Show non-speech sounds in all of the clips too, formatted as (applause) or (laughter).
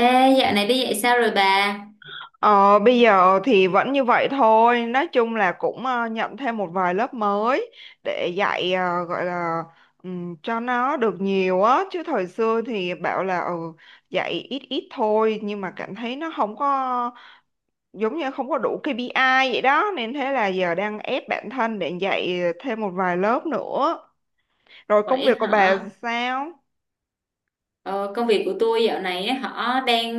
Ê, dạo này đi dạy sao rồi bà? Ờ, Bây giờ thì vẫn như vậy thôi, nói chung là cũng nhận thêm một vài lớp mới để dạy gọi là cho nó được nhiều á, chứ thời xưa thì bảo là dạy ít ít thôi nhưng mà cảm thấy nó không có giống như không có đủ KPI vậy đó nên thế là giờ đang ép bản thân để dạy thêm một vài lớp nữa. Rồi công Vậy việc của bà hả? sao? Ờ, Công việc của tôi dạo này á, đang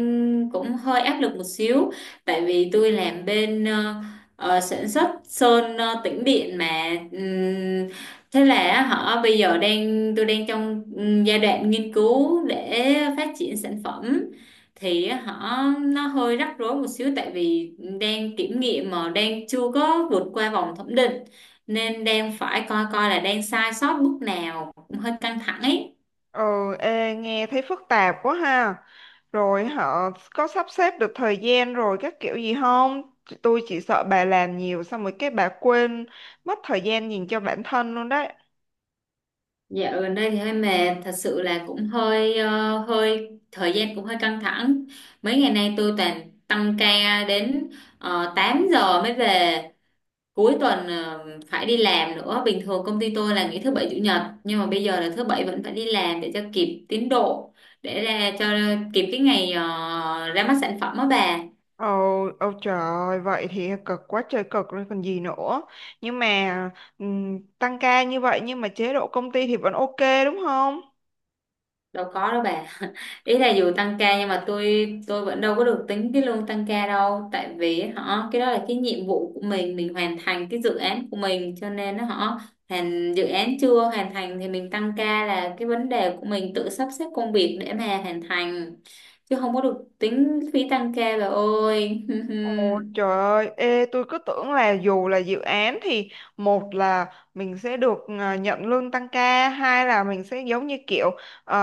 cũng hơi áp lực một xíu, tại vì tôi làm bên sản xuất sơn tĩnh điện mà. Thế là bây giờ đang đang trong giai đoạn nghiên cứu để phát triển sản phẩm, thì nó hơi rắc rối một xíu, tại vì đang kiểm nghiệm mà đang chưa có vượt qua vòng thẩm định, nên đang phải coi coi là đang sai sót bước nào, cũng hơi căng thẳng ấy. Ừ, ê, nghe thấy phức tạp quá ha. Rồi họ có sắp xếp được thời gian rồi các kiểu gì không? Tôi chỉ sợ bà làm nhiều xong rồi cái bà quên mất thời gian nhìn cho bản thân luôn đấy. Dạo gần đây thì hơi mệt, thật sự là cũng hơi ờ, hơi thời gian cũng hơi căng thẳng. Mấy ngày nay tôi toàn tăng ca đến 8 giờ mới về. Cuối tuần phải đi làm nữa. Bình thường công ty tôi là nghỉ thứ bảy chủ nhật, nhưng mà bây giờ là thứ bảy vẫn phải đi làm để cho kịp tiến độ, để ra cho kịp cái ngày ra mắt sản phẩm đó bà. Ồ, ôi trời ơi, vậy thì cực quá trời cực rồi còn gì nữa. Nhưng mà tăng ca như vậy nhưng mà chế độ công ty thì vẫn ok đúng không? Đâu có đâu bà. Ý là dù tăng ca nhưng mà tôi vẫn đâu có được tính cái lương tăng ca đâu, tại vì cái đó là cái nhiệm vụ của mình hoàn thành cái dự án của mình, cho nên nó hoàn dự án chưa hoàn thành thì mình tăng ca là cái vấn đề của mình tự sắp xếp công việc để mà hoàn thành, chứ không có được tính phí tăng ca bà ơi. Ồ, (laughs) trời ơi, ê, tôi cứ tưởng là dù là dự án thì một là mình sẽ được nhận lương tăng ca, hai là mình sẽ giống như kiểu ờ,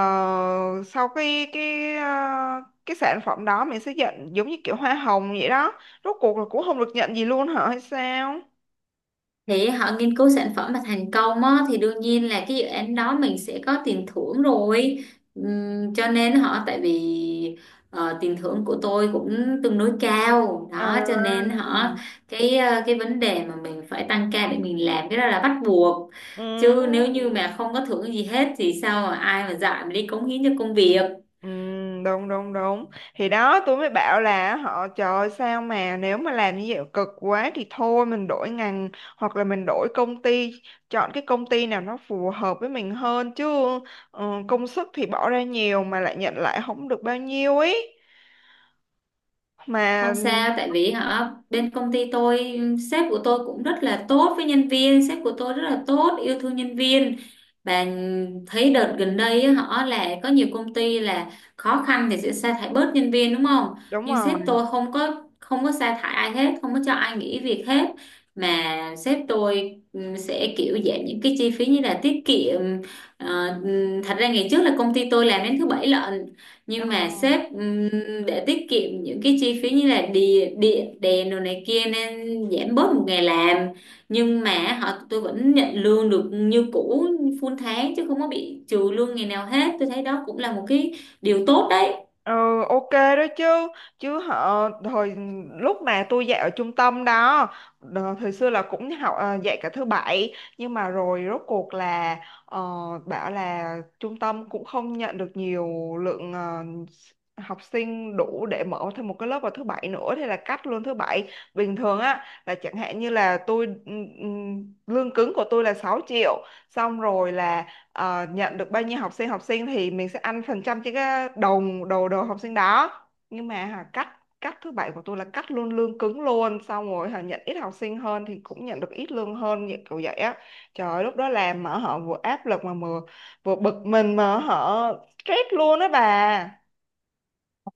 sau cái sản phẩm đó mình sẽ nhận giống như kiểu hoa hồng vậy đó. Rốt cuộc là cũng không được nhận gì luôn hả hay sao? Thì nghiên cứu sản phẩm mà thành công á, thì đương nhiên là cái dự án đó mình sẽ có tiền thưởng rồi. Cho nên tại vì tiền thưởng của tôi cũng tương đối cao đó, cho nên À. Cái cái vấn đề mà mình phải tăng ca để mình làm, cái đó là bắt buộc, Ừ. chứ nếu như mà không có thưởng gì hết thì sao mà ai mà dạy mà đi cống hiến cho công việc. Ừ, đúng đúng đúng, thì đó tôi mới bảo là họ trời ơi, sao mà nếu mà làm như vậy cực quá thì thôi mình đổi ngành hoặc là mình đổi công ty, chọn cái công ty nào nó phù hợp với mình hơn chứ công sức thì bỏ ra nhiều mà lại nhận lại không được bao nhiêu ấy mà, Không sao, tại vì hả bên công ty tôi, sếp của tôi cũng rất là tốt với nhân viên, sếp của tôi rất là tốt, yêu thương nhân viên. Và thấy đợt gần đây á, là có nhiều công ty là khó khăn thì sẽ sa thải bớt nhân viên, đúng không? đúng Nhưng sếp rồi. tôi không có sa thải ai hết, không có cho ai nghỉ việc hết. Mà sếp tôi sẽ kiểu giảm những cái chi phí như là tiết kiệm. Thật ra ngày trước là công ty tôi làm đến thứ bảy lận, Ờ. nhưng mà sếp để tiết kiệm những cái chi phí như là địa địa đèn đồ này kia nên giảm bớt một ngày làm, nhưng mà tôi vẫn nhận lương được như cũ, full tháng, chứ không có bị trừ lương ngày nào hết. Tôi thấy đó cũng là một cái điều tốt đấy. Ừ, ok đó chứ chứ họ hồi lúc mà tôi dạy ở trung tâm đó, thời xưa là cũng dạy cả thứ bảy nhưng mà rồi rốt cuộc là ờ, bảo là trung tâm cũng không nhận được nhiều lượng học sinh đủ để mở thêm một cái lớp vào thứ bảy nữa, thế là cắt luôn thứ bảy. Bình thường á là chẳng hạn như là tôi ừ, lương cứng của tôi là 6 triệu, xong rồi là nhận được bao nhiêu học sinh thì mình sẽ ăn phần trăm trên cái đầu, đầu học sinh đó, nhưng mà cắt cắt thứ bảy của tôi là cắt luôn lương cứng luôn, xong rồi nhận ít học sinh hơn thì cũng nhận được ít lương hơn như kiểu vậy á. Trời ơi, lúc đó làm mà họ vừa áp lực mà vừa vừa bực mình mà họ stress luôn á bà.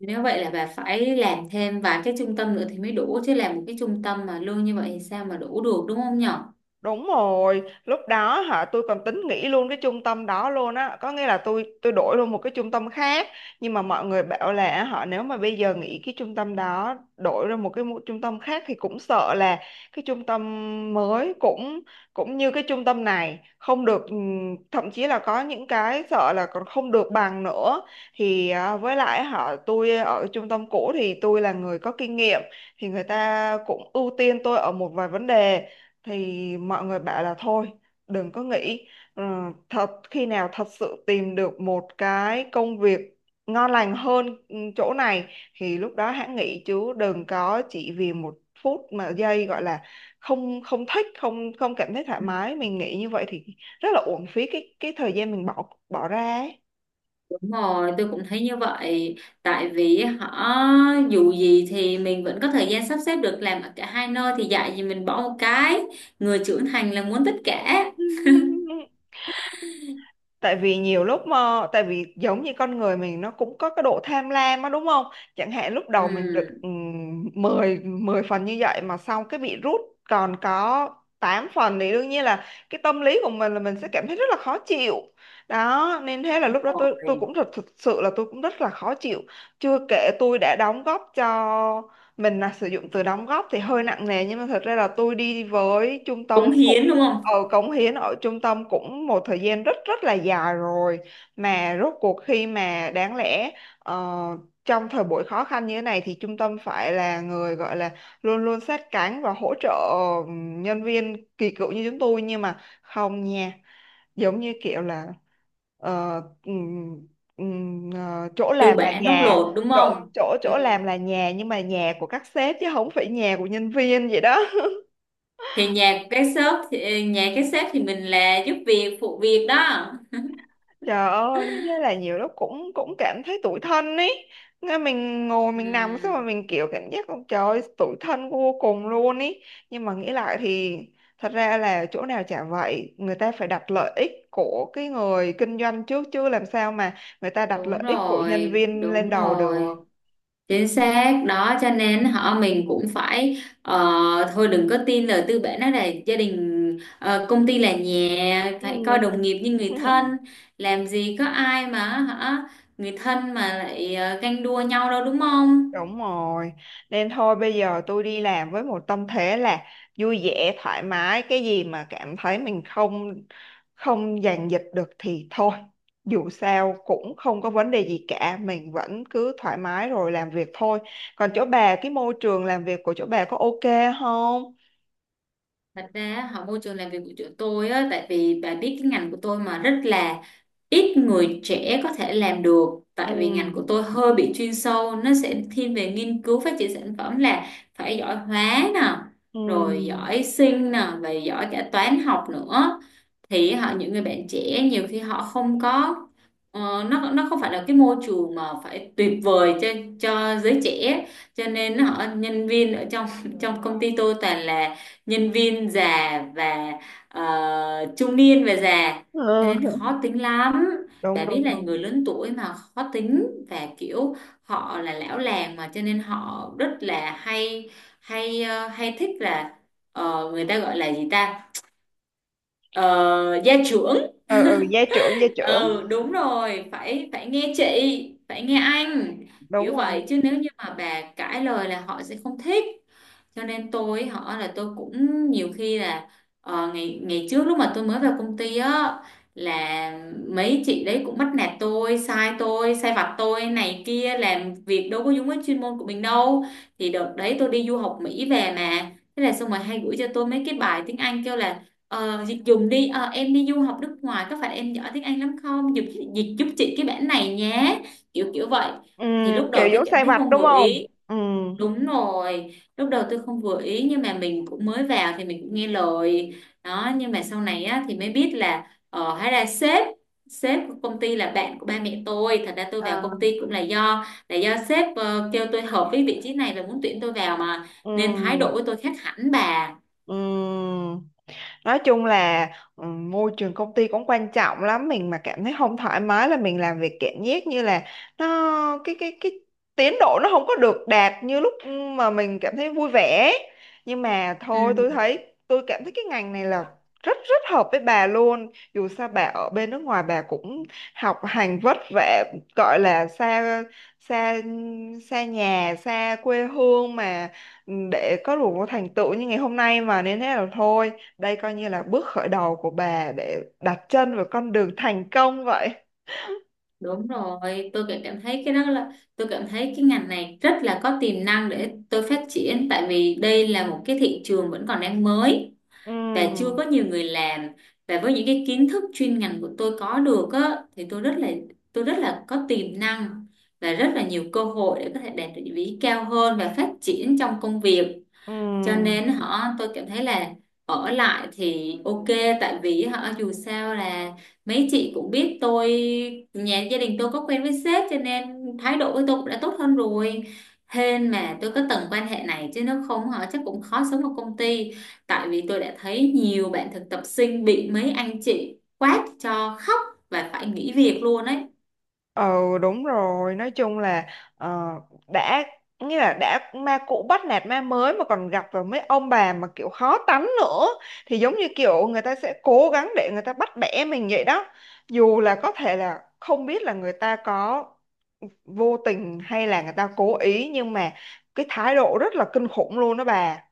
Nếu vậy là bà phải làm thêm vài cái trung tâm nữa thì mới đủ, chứ làm một cái trung tâm mà lương như vậy thì sao mà đủ được, đúng không nhở? Đúng rồi, lúc đó tôi còn tính nghỉ luôn cái trung tâm đó luôn á, có nghĩa là tôi đổi luôn một cái trung tâm khác, nhưng mà mọi người bảo là họ nếu mà bây giờ nghỉ cái trung tâm đó, đổi ra một cái trung tâm khác thì cũng sợ là cái trung tâm mới cũng cũng như cái trung tâm này không được, thậm chí là có những cái sợ là còn không được bằng nữa. Thì với lại họ tôi ở trung tâm cũ thì tôi là người có kinh nghiệm thì người ta cũng ưu tiên tôi ở một vài vấn đề, thì mọi người bảo là thôi đừng có nghĩ. Ờ, Thật khi nào thật sự tìm được một cái công việc ngon lành hơn chỗ này thì lúc đó hãng nghỉ, chứ đừng có chỉ vì một phút mà giây gọi là không không thích, không không cảm thấy thoải mái mình nghĩ như vậy thì rất là uổng phí cái thời gian mình bỏ bỏ ra ấy. Đúng rồi, tôi cũng thấy như vậy. Tại vì dù gì thì mình vẫn có thời gian sắp xếp được làm ở cả hai nơi, thì dạy gì mình bỏ một cái. Người trưởng thành là muốn tất cả. (laughs) Tại vì nhiều lúc, mà tại vì giống như con người mình nó cũng có cái độ tham lam á đúng không, chẳng hạn lúc đầu mình được Ừ. 10 10 phần như vậy mà sau cái bị rút còn có 8 phần thì đương nhiên là cái tâm lý của mình là mình sẽ cảm thấy rất là khó chịu, đó nên thế là lúc đó tôi Rồi. cũng thực sự là tôi cũng rất là khó chịu, chưa kể tôi đã đóng góp cho, mình là sử dụng từ đóng góp thì hơi nặng nề nhưng mà thật ra là tôi đi với trung tâm Cống cũng. hiến đúng không? Ờ, cống hiến ở trung tâm cũng một thời gian rất rất là dài rồi, mà rốt cuộc khi mà đáng lẽ ờ, trong thời buổi khó khăn như thế này thì trung tâm phải là người gọi là luôn luôn sát cánh và hỗ trợ nhân viên kỳ cựu như chúng tôi, nhưng mà không nha, giống như kiểu là ờ, ừm, chỗ Tư làm là bản bóc nhà, lột đúng chỗ không? chỗ Ừ. chỗ làm là nhà nhưng mà nhà của các sếp chứ không phải nhà của nhân viên vậy đó. Thì nhà cái shop thì nhà cái sếp thì mình là giúp việc phụ việc đó. Trời ơi, nên thế là nhiều lúc cũng cũng cảm thấy tủi thân ấy. Nghe mình ngồi mình nằm xong mà Ừ. mình kiểu cảm giác con trời ơi, tủi thân vô cùng luôn ấy. Nhưng mà nghĩ lại thì thật ra là chỗ nào chả vậy, người ta phải đặt lợi ích của cái người kinh doanh trước chứ làm sao mà người ta đặt Đúng lợi ích của nhân rồi, viên lên đúng đầu được. rồi. Chính xác đó, cho nên mình cũng phải thôi đừng có tin lời tư bản đó là gia đình, công ty là nhà, phải coi Ừ. đồng nghiệp như người thân. (laughs) Làm gì có ai mà hả người thân mà lại ganh đua nhau đâu, đúng không? Đúng rồi. Nên thôi bây giờ tôi đi làm với một tâm thế là vui vẻ, thoải mái, cái gì mà cảm thấy mình không không dàn dịch được thì thôi. Dù sao cũng không có vấn đề gì cả, mình vẫn cứ thoải mái rồi làm việc thôi. Còn chỗ bà, cái môi trường làm việc của chỗ bà có ok không? Thật ra môi trường làm việc của chỗ tôi á, tại vì bà biết cái ngành của tôi mà rất là ít người trẻ có thể làm được, Ừ. tại vì ngành của tôi hơi bị chuyên sâu, nó sẽ thiên về nghiên cứu phát triển sản phẩm, là phải giỏi hóa nè, rồi Ừ. giỏi sinh nè, và giỏi cả toán học nữa. Thì những người bạn trẻ nhiều khi họ không có nó không phải là cái môi trường mà phải tuyệt vời cho giới trẻ, cho nên nhân viên ở trong (laughs) trong công ty tôi toàn là nhân viên già và ờ, trung niên và già, cho Ờ. nên khó tính lắm. Đã Đúng biết đúng là người đúng. lớn tuổi mà khó tính và kiểu họ là lão làng mà, cho nên họ rất là hay hay hay thích là người ta gọi là gì ta? Ờ, gia trưởng. Ừ, ừ, gia trưởng, gia trưởng. Ừ đúng rồi, phải phải nghe chị, phải nghe anh, Đúng kiểu rồi. vậy. Chứ nếu như mà bà cãi lời là họ sẽ không thích. Cho nên tôi là tôi cũng nhiều khi là ngày ngày trước lúc mà tôi mới vào công ty á, là mấy chị đấy cũng bắt nạt tôi, sai tôi, sai vặt tôi này kia, làm việc đâu có đúng với chuyên môn của mình đâu. Thì đợt đấy tôi đi du học Mỹ về mà, thế là xong rồi hay gửi cho tôi mấy cái bài tiếng Anh kêu là dịch dùng đi, ờ, em đi du học nước ngoài có phải em giỏi tiếng Anh lắm không, dịch, dịch giúp chị cái bản này nhé, kiểu kiểu vậy. Ừ, Thì lúc kiểu đầu tôi giống cảm sai thấy vặt không đúng vừa không? ý. Ừ. Đúng rồi, lúc đầu tôi không vừa ý, nhưng mà mình cũng mới vào thì mình cũng nghe lời đó. Nhưng mà sau này á, thì mới biết là hóa ra sếp, sếp của công ty là bạn của ba mẹ tôi. Thật ra tôi vào Ờ. công ty cũng là do sếp kêu tôi hợp với vị trí này và muốn tuyển tôi vào mà. Ừ. Nên thái độ của tôi khác hẳn bà. Ừ, nói chung là môi trường công ty cũng quan trọng lắm, mình mà cảm thấy không thoải mái là mình làm việc cảm giác như là nó, cái tiến độ nó không có được đạt như lúc mà mình cảm thấy vui vẻ, nhưng mà Ừ, thôi tôi thấy, tôi cảm thấy cái ngành này là rất rất hợp với bà luôn, dù sao bà ở bên nước ngoài bà cũng học hành vất vả, gọi là xa xa xa nhà xa quê hương mà, để có đủ thành tựu như ngày hôm nay mà, nên thế là thôi đây coi như là bước khởi đầu của bà để đặt chân vào con đường thành công vậy. đúng rồi, tôi cảm cảm thấy cái đó là tôi cảm thấy cái ngành này rất là có tiềm năng để tôi phát triển, tại vì đây là một cái thị trường vẫn còn đang mới, và chưa Ừ, có nhiều người làm. Và với những cái kiến thức chuyên ngành của tôi có được á, thì tôi rất là có tiềm năng, và rất là nhiều cơ hội để có thể đạt được vị trí cao hơn và phát triển trong công việc. ừ, Cho nên tôi cảm thấy là ở lại thì ok, tại vì dù sao là mấy chị cũng biết tôi, nhà gia đình tôi có quen với sếp, cho nên thái độ với tôi cũng đã tốt hơn rồi. Hên mà tôi có tầng quan hệ này, chứ nếu không chắc cũng khó sống ở công ty, tại vì tôi đã thấy nhiều bạn thực tập sinh bị mấy anh chị quát cho khóc và phải nghỉ việc luôn ấy. ừ, đúng rồi. Nói chung là ờ, đã nghĩa là đã ma cũ bắt nạt ma mới mà còn gặp vào mấy ông bà mà kiểu khó tánh nữa thì giống như kiểu người ta sẽ cố gắng để người ta bắt bẻ mình vậy đó. Dù là có thể là không biết là người ta có vô tình hay là người ta cố ý nhưng mà cái thái độ rất là kinh khủng luôn đó bà.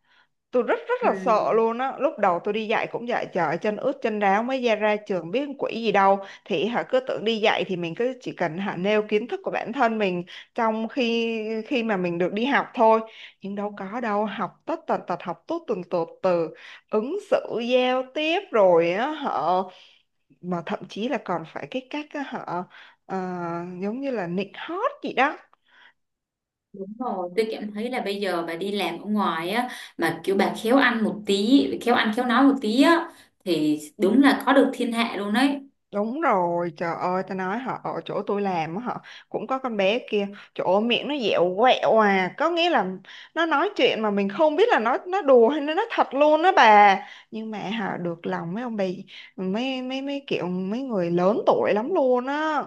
Tôi rất rất Ừ. là sợ luôn á, lúc đầu tôi đi dạy cũng vậy, trời chân ướt chân ráo mới ra ra trường biết quỷ gì đâu, thì cứ tưởng đi dạy thì mình cứ chỉ cần nêu kiến thức của bản thân mình, trong khi khi mà mình được đi học thôi, nhưng đâu có đâu, học tất tần tật, học tốt từng tột từ ứng xử giao tiếp rồi á họ, mà thậm chí là còn phải cái cách á, họ ờ, giống như là nịnh hót gì đó. Đúng rồi, tôi cảm thấy là bây giờ bà đi làm ở ngoài á, mà kiểu bà khéo ăn một tí, khéo ăn khéo nói một tí á, thì đúng là có được thiên hạ luôn đấy. Đúng rồi, trời ơi, ta nói họ ở chỗ tôi làm á, họ cũng có con bé kia, chỗ miệng nó dẻo quẹo à, có nghĩa là nó nói chuyện mà mình không biết là nó đùa hay nó nói thật luôn đó bà. Nhưng mà họ được lòng mấy ông bà, mấy mấy mấy kiểu mấy người lớn tuổi lắm luôn á.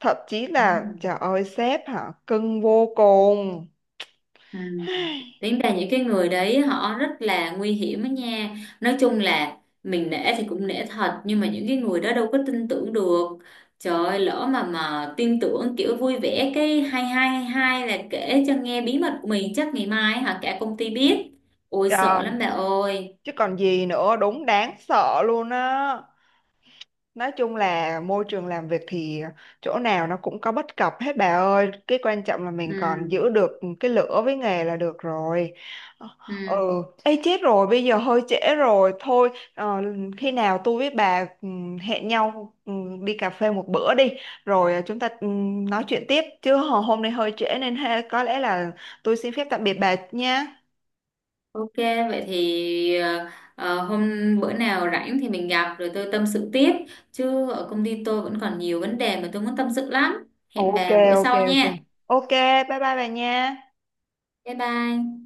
Thậm chí Đúng là rồi. trời ơi sếp hả, cưng vô cùng. Ừ. (sighs) Tính ra những cái người đấy họ rất là nguy hiểm á nha. Nói chung là mình nể thì cũng nể thật, nhưng mà những cái người đó đâu có tin tưởng được. Trời ơi, lỡ mà tin tưởng kiểu vui vẻ cái hai hai hai hai là kể cho nghe bí mật của mình chắc ngày mai hả cả công ty biết. Ôi sợ Trời, lắm bà ơi. chứ còn gì nữa, đúng đáng sợ luôn á. Nói chung là môi trường làm việc thì chỗ nào nó cũng có bất cập hết bà ơi. Cái quan trọng là mình còn giữ Ừ. được cái lửa với nghề là được rồi. Ừ. Ừ, ê chết rồi, bây giờ hơi trễ rồi. Thôi, khi nào tôi với bà hẹn nhau đi cà phê một bữa đi. Rồi chúng ta nói chuyện tiếp. Chứ hôm nay hơi trễ nên ha, có lẽ là tôi xin phép tạm biệt bà nha. Ok, vậy thì hôm bữa nào rảnh thì mình gặp rồi tôi tâm sự tiếp. Chứ ở công ty tôi vẫn còn nhiều vấn đề mà tôi muốn tâm sự lắm. Hẹn Ok, bà bữa ok, sau ok. nha. Ok, bye bye bà nha. Bye bye.